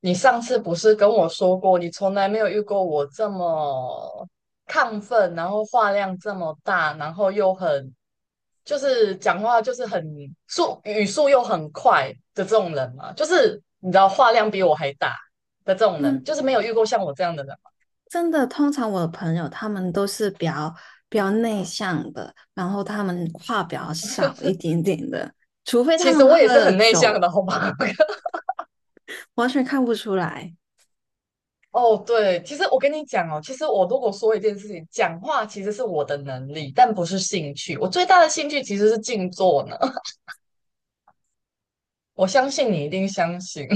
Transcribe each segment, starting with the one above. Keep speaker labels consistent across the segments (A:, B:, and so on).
A: 你上次不是跟我说过，你从来没有遇过我这么亢奋，然后话量这么大，然后又很，就是讲话就是很速，语速又很快的这种人嘛？就是你知道话量比我还大的这种人，
B: 嗯，
A: 就是没有遇过像我这样的人嘛。
B: 真的。通常我的朋友他们都是比较内向的，然后他们话比较少一点点的，除非他
A: 其实
B: 们
A: 我也
B: 喝
A: 是
B: 了
A: 很内向
B: 酒，
A: 的，好吗？
B: 完全看不出来。
A: 哦，对，其实我跟你讲哦，其实我如果说一件事情，讲话其实是我的能力，但不是兴趣。我最大的兴趣其实是静坐呢。我相信你一定相信。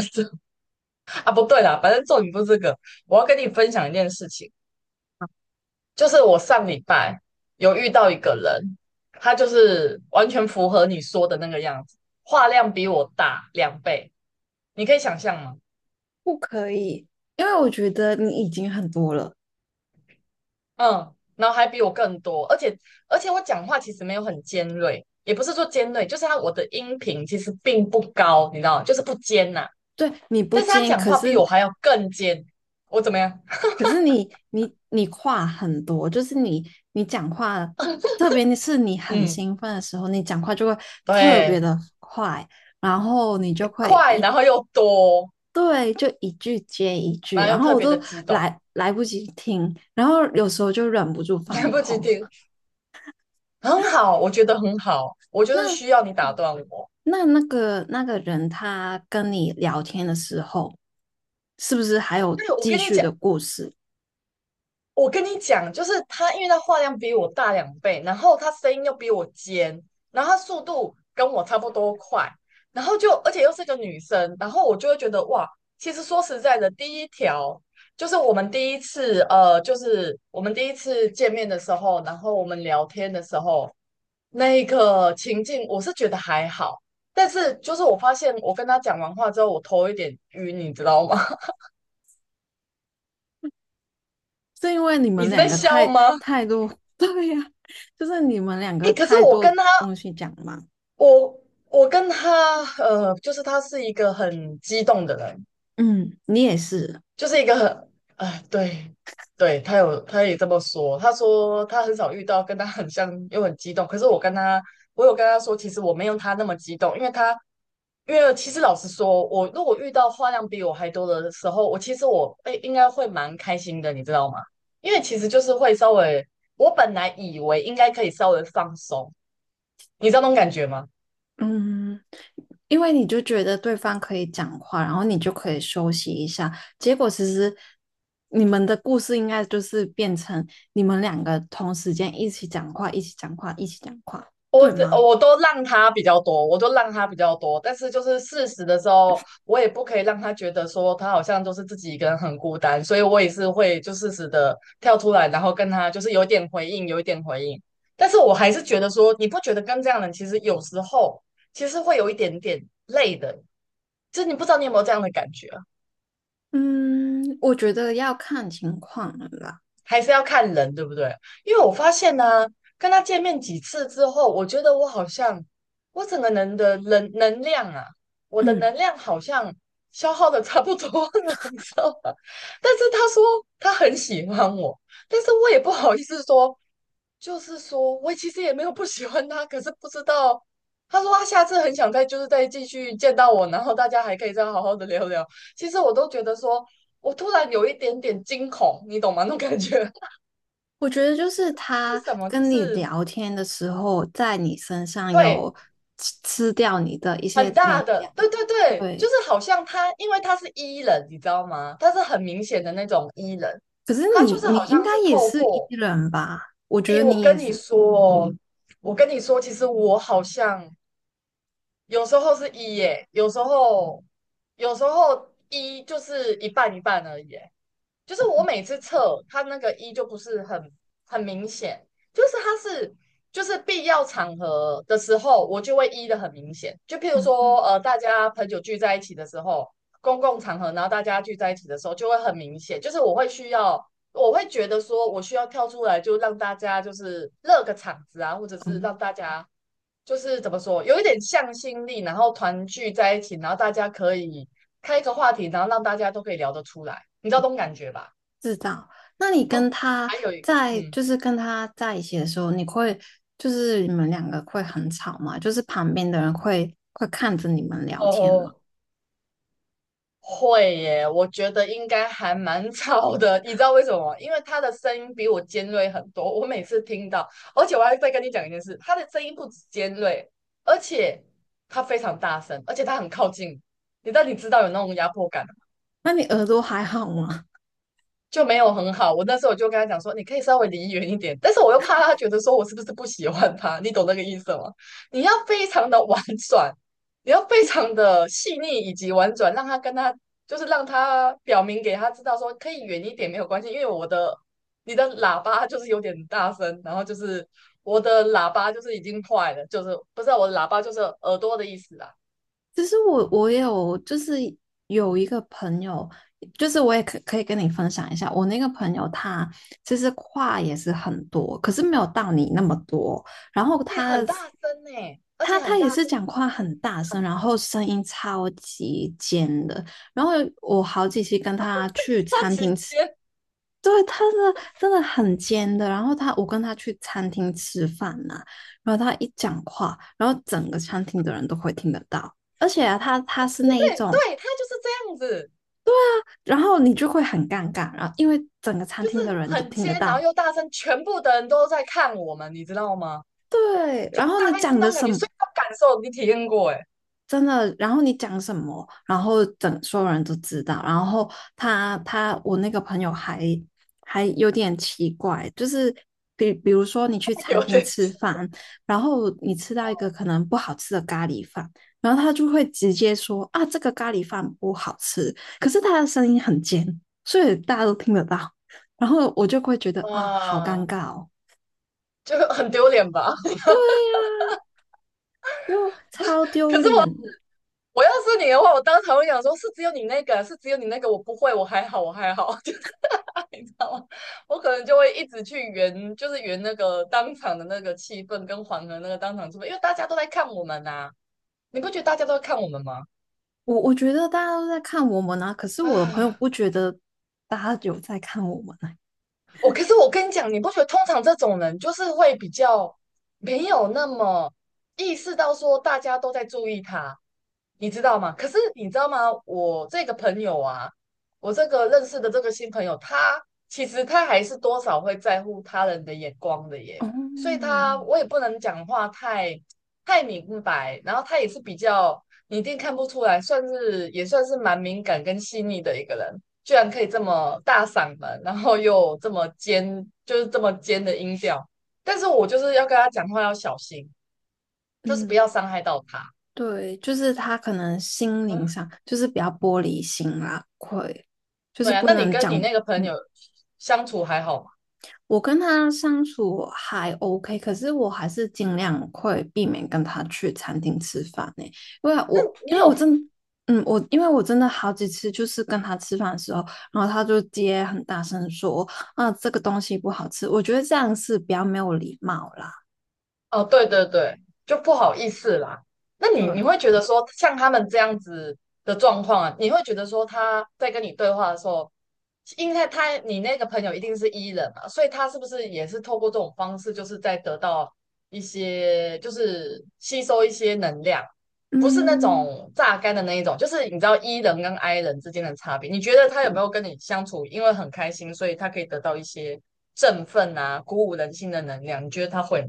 A: 啊！不对啦，反正重点不是这个。我要跟你分享一件事情，就是我上礼拜有遇到一个人，他就是完全符合你说的那个样子，话量比我大两倍，你可以想象吗？
B: 不可以，因为我觉得你已经很多了。
A: 嗯，然后还比我更多，而且我讲话其实没有很尖锐，也不是说尖锐，就是他我的音频其实并不高，你知道吗，就是不尖呐、
B: 对，你不
A: 但是他
B: 尖，
A: 讲
B: 可
A: 话比
B: 是
A: 我还要更尖，我怎么样？
B: 可是你话很多，就是你讲话，特别是你很
A: 嗯，
B: 兴奋的时候，你讲话就会特别
A: 对。
B: 的快，然后你就会
A: 快，
B: 一
A: 然后又多，
B: 对，就一句接一句，
A: 然后
B: 然
A: 又
B: 后
A: 特
B: 我
A: 别的
B: 都
A: 激动。
B: 来不及听，然后有时候就忍不住
A: 来
B: 放
A: 不及
B: 空。
A: 听，很好，我觉得很好，我就是
B: 那
A: 需要你打断我。
B: 那个人他跟你聊天的时候，是不是还有
A: 对，我
B: 继
A: 跟你
B: 续
A: 讲，
B: 的故事？
A: 我跟你讲，就是他，因为他话量比我大两倍，然后他声音又比我尖，然后他速度跟我差不多快，然后就而且又是个女生，然后我就会觉得哇，其实说实在的，第一条。就是我们第一次，就是我们第一次见面的时候，然后我们聊天的时候，那个情境，我是觉得还好，但是就是我发现我跟他讲完话之后，我头有点晕，你知道吗？
B: 是因为你
A: 你
B: 们
A: 是在
B: 两个
A: 笑
B: 太
A: 吗？
B: 太多，对呀，就是你们两
A: 哎、
B: 个
A: 可是
B: 太
A: 我
B: 多
A: 跟他，
B: 东西讲嘛。
A: 我我跟他，就是他是一个很激动的人，
B: 嗯，你也是。
A: 就是一个很，哎，对，对，他有，他也这么说。他说他很少遇到跟他很像又很激动，可是我跟他，我有跟他说，其实我没有他那么激动，因为他，因为其实老实说，我如果遇到话量比我还多的时候，我其实我哎应该会蛮开心的，你知道吗？因为其实就是会稍微，我本来以为应该可以稍微放松，你知道那种感觉吗？
B: 嗯，因为你就觉得对方可以讲话，然后你就可以休息一下。结果其实你们的故事应该就是变成你们两个同时间一起讲话，一起讲话，一起讲话，
A: 我
B: 对
A: 只
B: 吗？
A: 我都让他比较多，我都让他比较多，但是就是事实的时候，我也不可以让他觉得说他好像就是自己一个人很孤单，所以我也是会就适时的跳出来，然后跟他就是有点回应，有一点回应。但是我还是觉得说，你不觉得跟这样的人其实有时候其实会有一点点累的，就是你不知道你有没有这样的感觉啊？
B: 嗯，我觉得要看情况了啦。
A: 还是要看人，对不对？因为我发现呢、跟他见面几次之后，我觉得我好像我整个人的能量啊，我的能
B: 嗯，
A: 量好像消耗的差不多了。你知道吗？但是他说他很喜欢我，但是我也不好意思说，就是说我其实也没有不喜欢他，可是不知道。他说他下次很想再就是再继续见到我，然后大家还可以再好好的聊聊。其实我都觉得说，我突然有一点点惊恐，你懂吗？那种感觉。
B: 我觉得就是
A: 为
B: 他
A: 什么就
B: 跟你
A: 是
B: 聊天的时候，在你身上
A: 对
B: 有吃掉你的一些
A: 很
B: 能
A: 大的，
B: 量。
A: 对对对，就
B: 对。
A: 是好像他，因为他是 E 人，你知道吗？他是很明显的那种 E 人，
B: 可是
A: 他就
B: 你
A: 是
B: 你
A: 好像
B: 应该
A: 是
B: 也
A: 透
B: 是 E
A: 过，
B: 人吧？我觉
A: 诶，
B: 得
A: 我
B: 你也
A: 跟你
B: 是。
A: 说哦，我跟你说，其实我好像有时候是 E 耶，有时候有时候 E 就是一半一半而已耶，就是我每次测它那个一就不是很明显，就是它是就是必要场合的时候，我就会一的很明显。就譬如
B: 嗯
A: 说，大家朋友聚在一起的时候，公共场合，然后大家聚在一起的时候，就会很明显。就是我会需要，我会觉得说我需要跳出来，就让大家就是热个场子啊，或者是
B: 嗯，
A: 让大家就是怎么说，有一点向心力，然后团聚在一起，然后大家可以开一个话题，然后让大家都可以聊得出来，你知道这种感觉吧？
B: 知道。那你跟
A: 哦，
B: 他
A: 还有一个，
B: 在，
A: 嗯，
B: 就是跟他在一起的时候，你会，就是你们两个会很吵吗？就是旁边的人会看着你们聊天吗？
A: 哦，会耶，我觉得应该还蛮吵的。你知道为什么吗？因为他的声音比我尖锐很多，我每次听到，而且我还再跟你讲一件事，他的声音不止尖锐，而且他非常大声，而且他很靠近，你到底知道有那种压迫感
B: 那你耳朵还好吗？
A: 就没有很好。我那时候我就跟他讲说，你可以稍微离远一点，但是我又怕他觉得说我是不是不喜欢他，你懂那个意思吗？你要非常的婉转，你要非常的细腻以及婉转，让他跟他就是让他表明给他知道说可以远一点没有关系，因为我的你的喇叭就是有点大声，然后就是我的喇叭就是已经坏了，就是不是啊我的喇叭就是耳朵的意思啊，
B: 其实我有就是有一个朋友，就是我也可以跟你分享一下，我那个朋友他其实话也是很多，可是没有到你那么多。然后
A: 也
B: 他
A: 很大声呢、而
B: 他
A: 且很
B: 他
A: 大
B: 也
A: 声，
B: 是讲话很大声，然后声音超级尖的。然后我好几期跟他去
A: 超
B: 餐
A: 级
B: 厅吃。
A: 尖，
B: 对，他是真的很尖的。然后他，我跟他去餐厅吃饭呐、然后他一讲话，然后整个餐厅的人都会听得到。而且啊，他是
A: 对
B: 那一
A: 对
B: 种，
A: 对，他就是这样子。
B: 然后你就会很尴尬，然后因为整个餐
A: 就
B: 厅的
A: 是
B: 人都
A: 很
B: 听得
A: 尖，然后
B: 到。
A: 又大声，全部的人都在看我们，你知道吗？
B: 对，
A: 就
B: 然后
A: 大
B: 你
A: 概是
B: 讲
A: 那
B: 的
A: 种感
B: 什
A: 觉，
B: 么，
A: 所以我感受你体验过，哎。
B: 真的，然后你讲什么，然后整所有人都知道。然后他我那个朋友还还有点奇怪，就是比如说你去 餐
A: 有
B: 厅
A: 点
B: 吃饭，然后你吃到一个可能不好吃的咖喱饭，然后他就会直接说啊这个咖喱饭不好吃，可是他的声音很尖，所以大家都听得到。然后我就会觉得啊好尴
A: 啊。
B: 尬哦。
A: 就很丢脸吧。
B: 对呀、啊又超丢
A: 可是我
B: 脸。
A: 要是你的话，我当场会想说，是只有你那个，是只有你那个，我不会，我还好，我还好。就是你知道吗？我可能就会一直去圆，就是圆那个当场的那个气氛跟缓和那个当场气氛，因为大家都在看我们呐、你不觉得大家都在看我们吗？
B: 我觉得大家都在看我们啊，可是 我的朋友
A: 啊。
B: 不觉得大家有在看我们啊。
A: 可是我跟你讲，你不觉得通常这种人就是会比较没有那么意识到说大家都在注意他，你知道吗？可是你知道吗？我这个朋友啊，我这个认识的这个新朋友，他其实他还是多少会在乎他人的眼光的耶，所以
B: 哦，
A: 他我也不能讲话太明白，然后他也是比较你一定看不出来，算是也算是蛮敏感跟细腻的一个人。居然可以这么大嗓门，然后又这么尖，就是这么尖的音调。但是我就是要跟他讲话要小心，就是不
B: 嗯，
A: 要伤害到他。
B: 对，就是他可能心灵
A: 啊
B: 上就是比较玻璃心啦，会就是
A: 对啊，
B: 不
A: 那你
B: 能
A: 跟
B: 讲。
A: 你那个朋友
B: 嗯，
A: 相处还好吗？
B: 我跟他相处还 OK，可是我还是尽量会避免跟他去餐厅吃饭呢、欸因为我
A: 你
B: 因为我
A: 有
B: 真的嗯我因为我真的好几次就是跟他吃饭的时候，然后他就接很大声说，啊这个东西不好吃，我觉得这样是比较没有礼貌啦。
A: 哦，对对对，就不好意思啦。那你
B: 对，
A: 你会觉得说，像他们这样子的状况啊，你会觉得说他在跟你对话的时候，因为他你那个朋友一定是 E 人嘛，所以他是不是也是透过这种方式，就是在得到一些，就是吸收一些能量，不是那
B: 嗯，
A: 种榨干的那一种，就是你知道 E 人跟 I 人之间的差别。你觉得他有没有
B: 对
A: 跟你相处，因为很开心，所以他可以得到一些振奋啊、鼓舞人心的能量？你觉得他会吗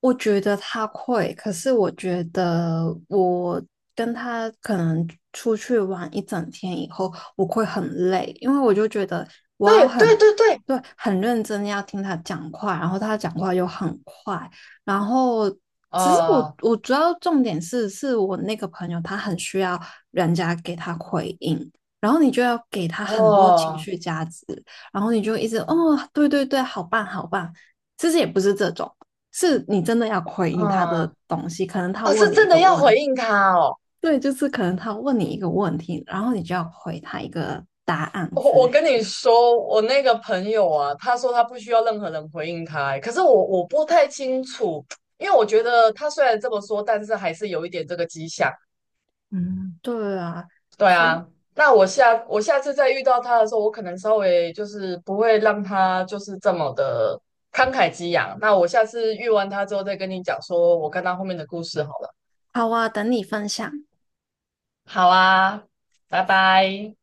B: 我觉得他会，可是我觉得我跟他可能出去玩一整天以后，我会很累，因为我就觉得我要
A: 对
B: 很，
A: 对对对，
B: 对，很认真地要听他讲话，然后他讲话又很快，然后其实我
A: 哦
B: 我主要重点是，是我那个朋友他很需要人家给他回应，然后你就要给他很多情
A: 哦，
B: 绪价值，然后你就一直哦，对对对，好棒好棒，其实也不是这种。是你真的要回应他的
A: 嗯，
B: 东西，可能他
A: 哦，
B: 问
A: 是
B: 你一
A: 真
B: 个
A: 的要
B: 问
A: 回
B: 题，
A: 应他哦。
B: 对，就是可能他问你一个问题，然后你就要回他一个答案之
A: 我
B: 类。
A: 跟你说，我那个朋友啊，他说他不需要任何人回应他欸可是我不太清楚，因为我觉得他虽然这么说，但是还是有一点这个迹象。
B: 嗯，对啊，
A: 对
B: 所以
A: 啊，那我下次再遇到他的时候，我可能稍微就是不会让他就是这么的慷慨激昂。那我下次遇完他之后再跟你讲，说我跟他后面的故事好了。
B: 好啊，等你分享。
A: 好啊，拜拜。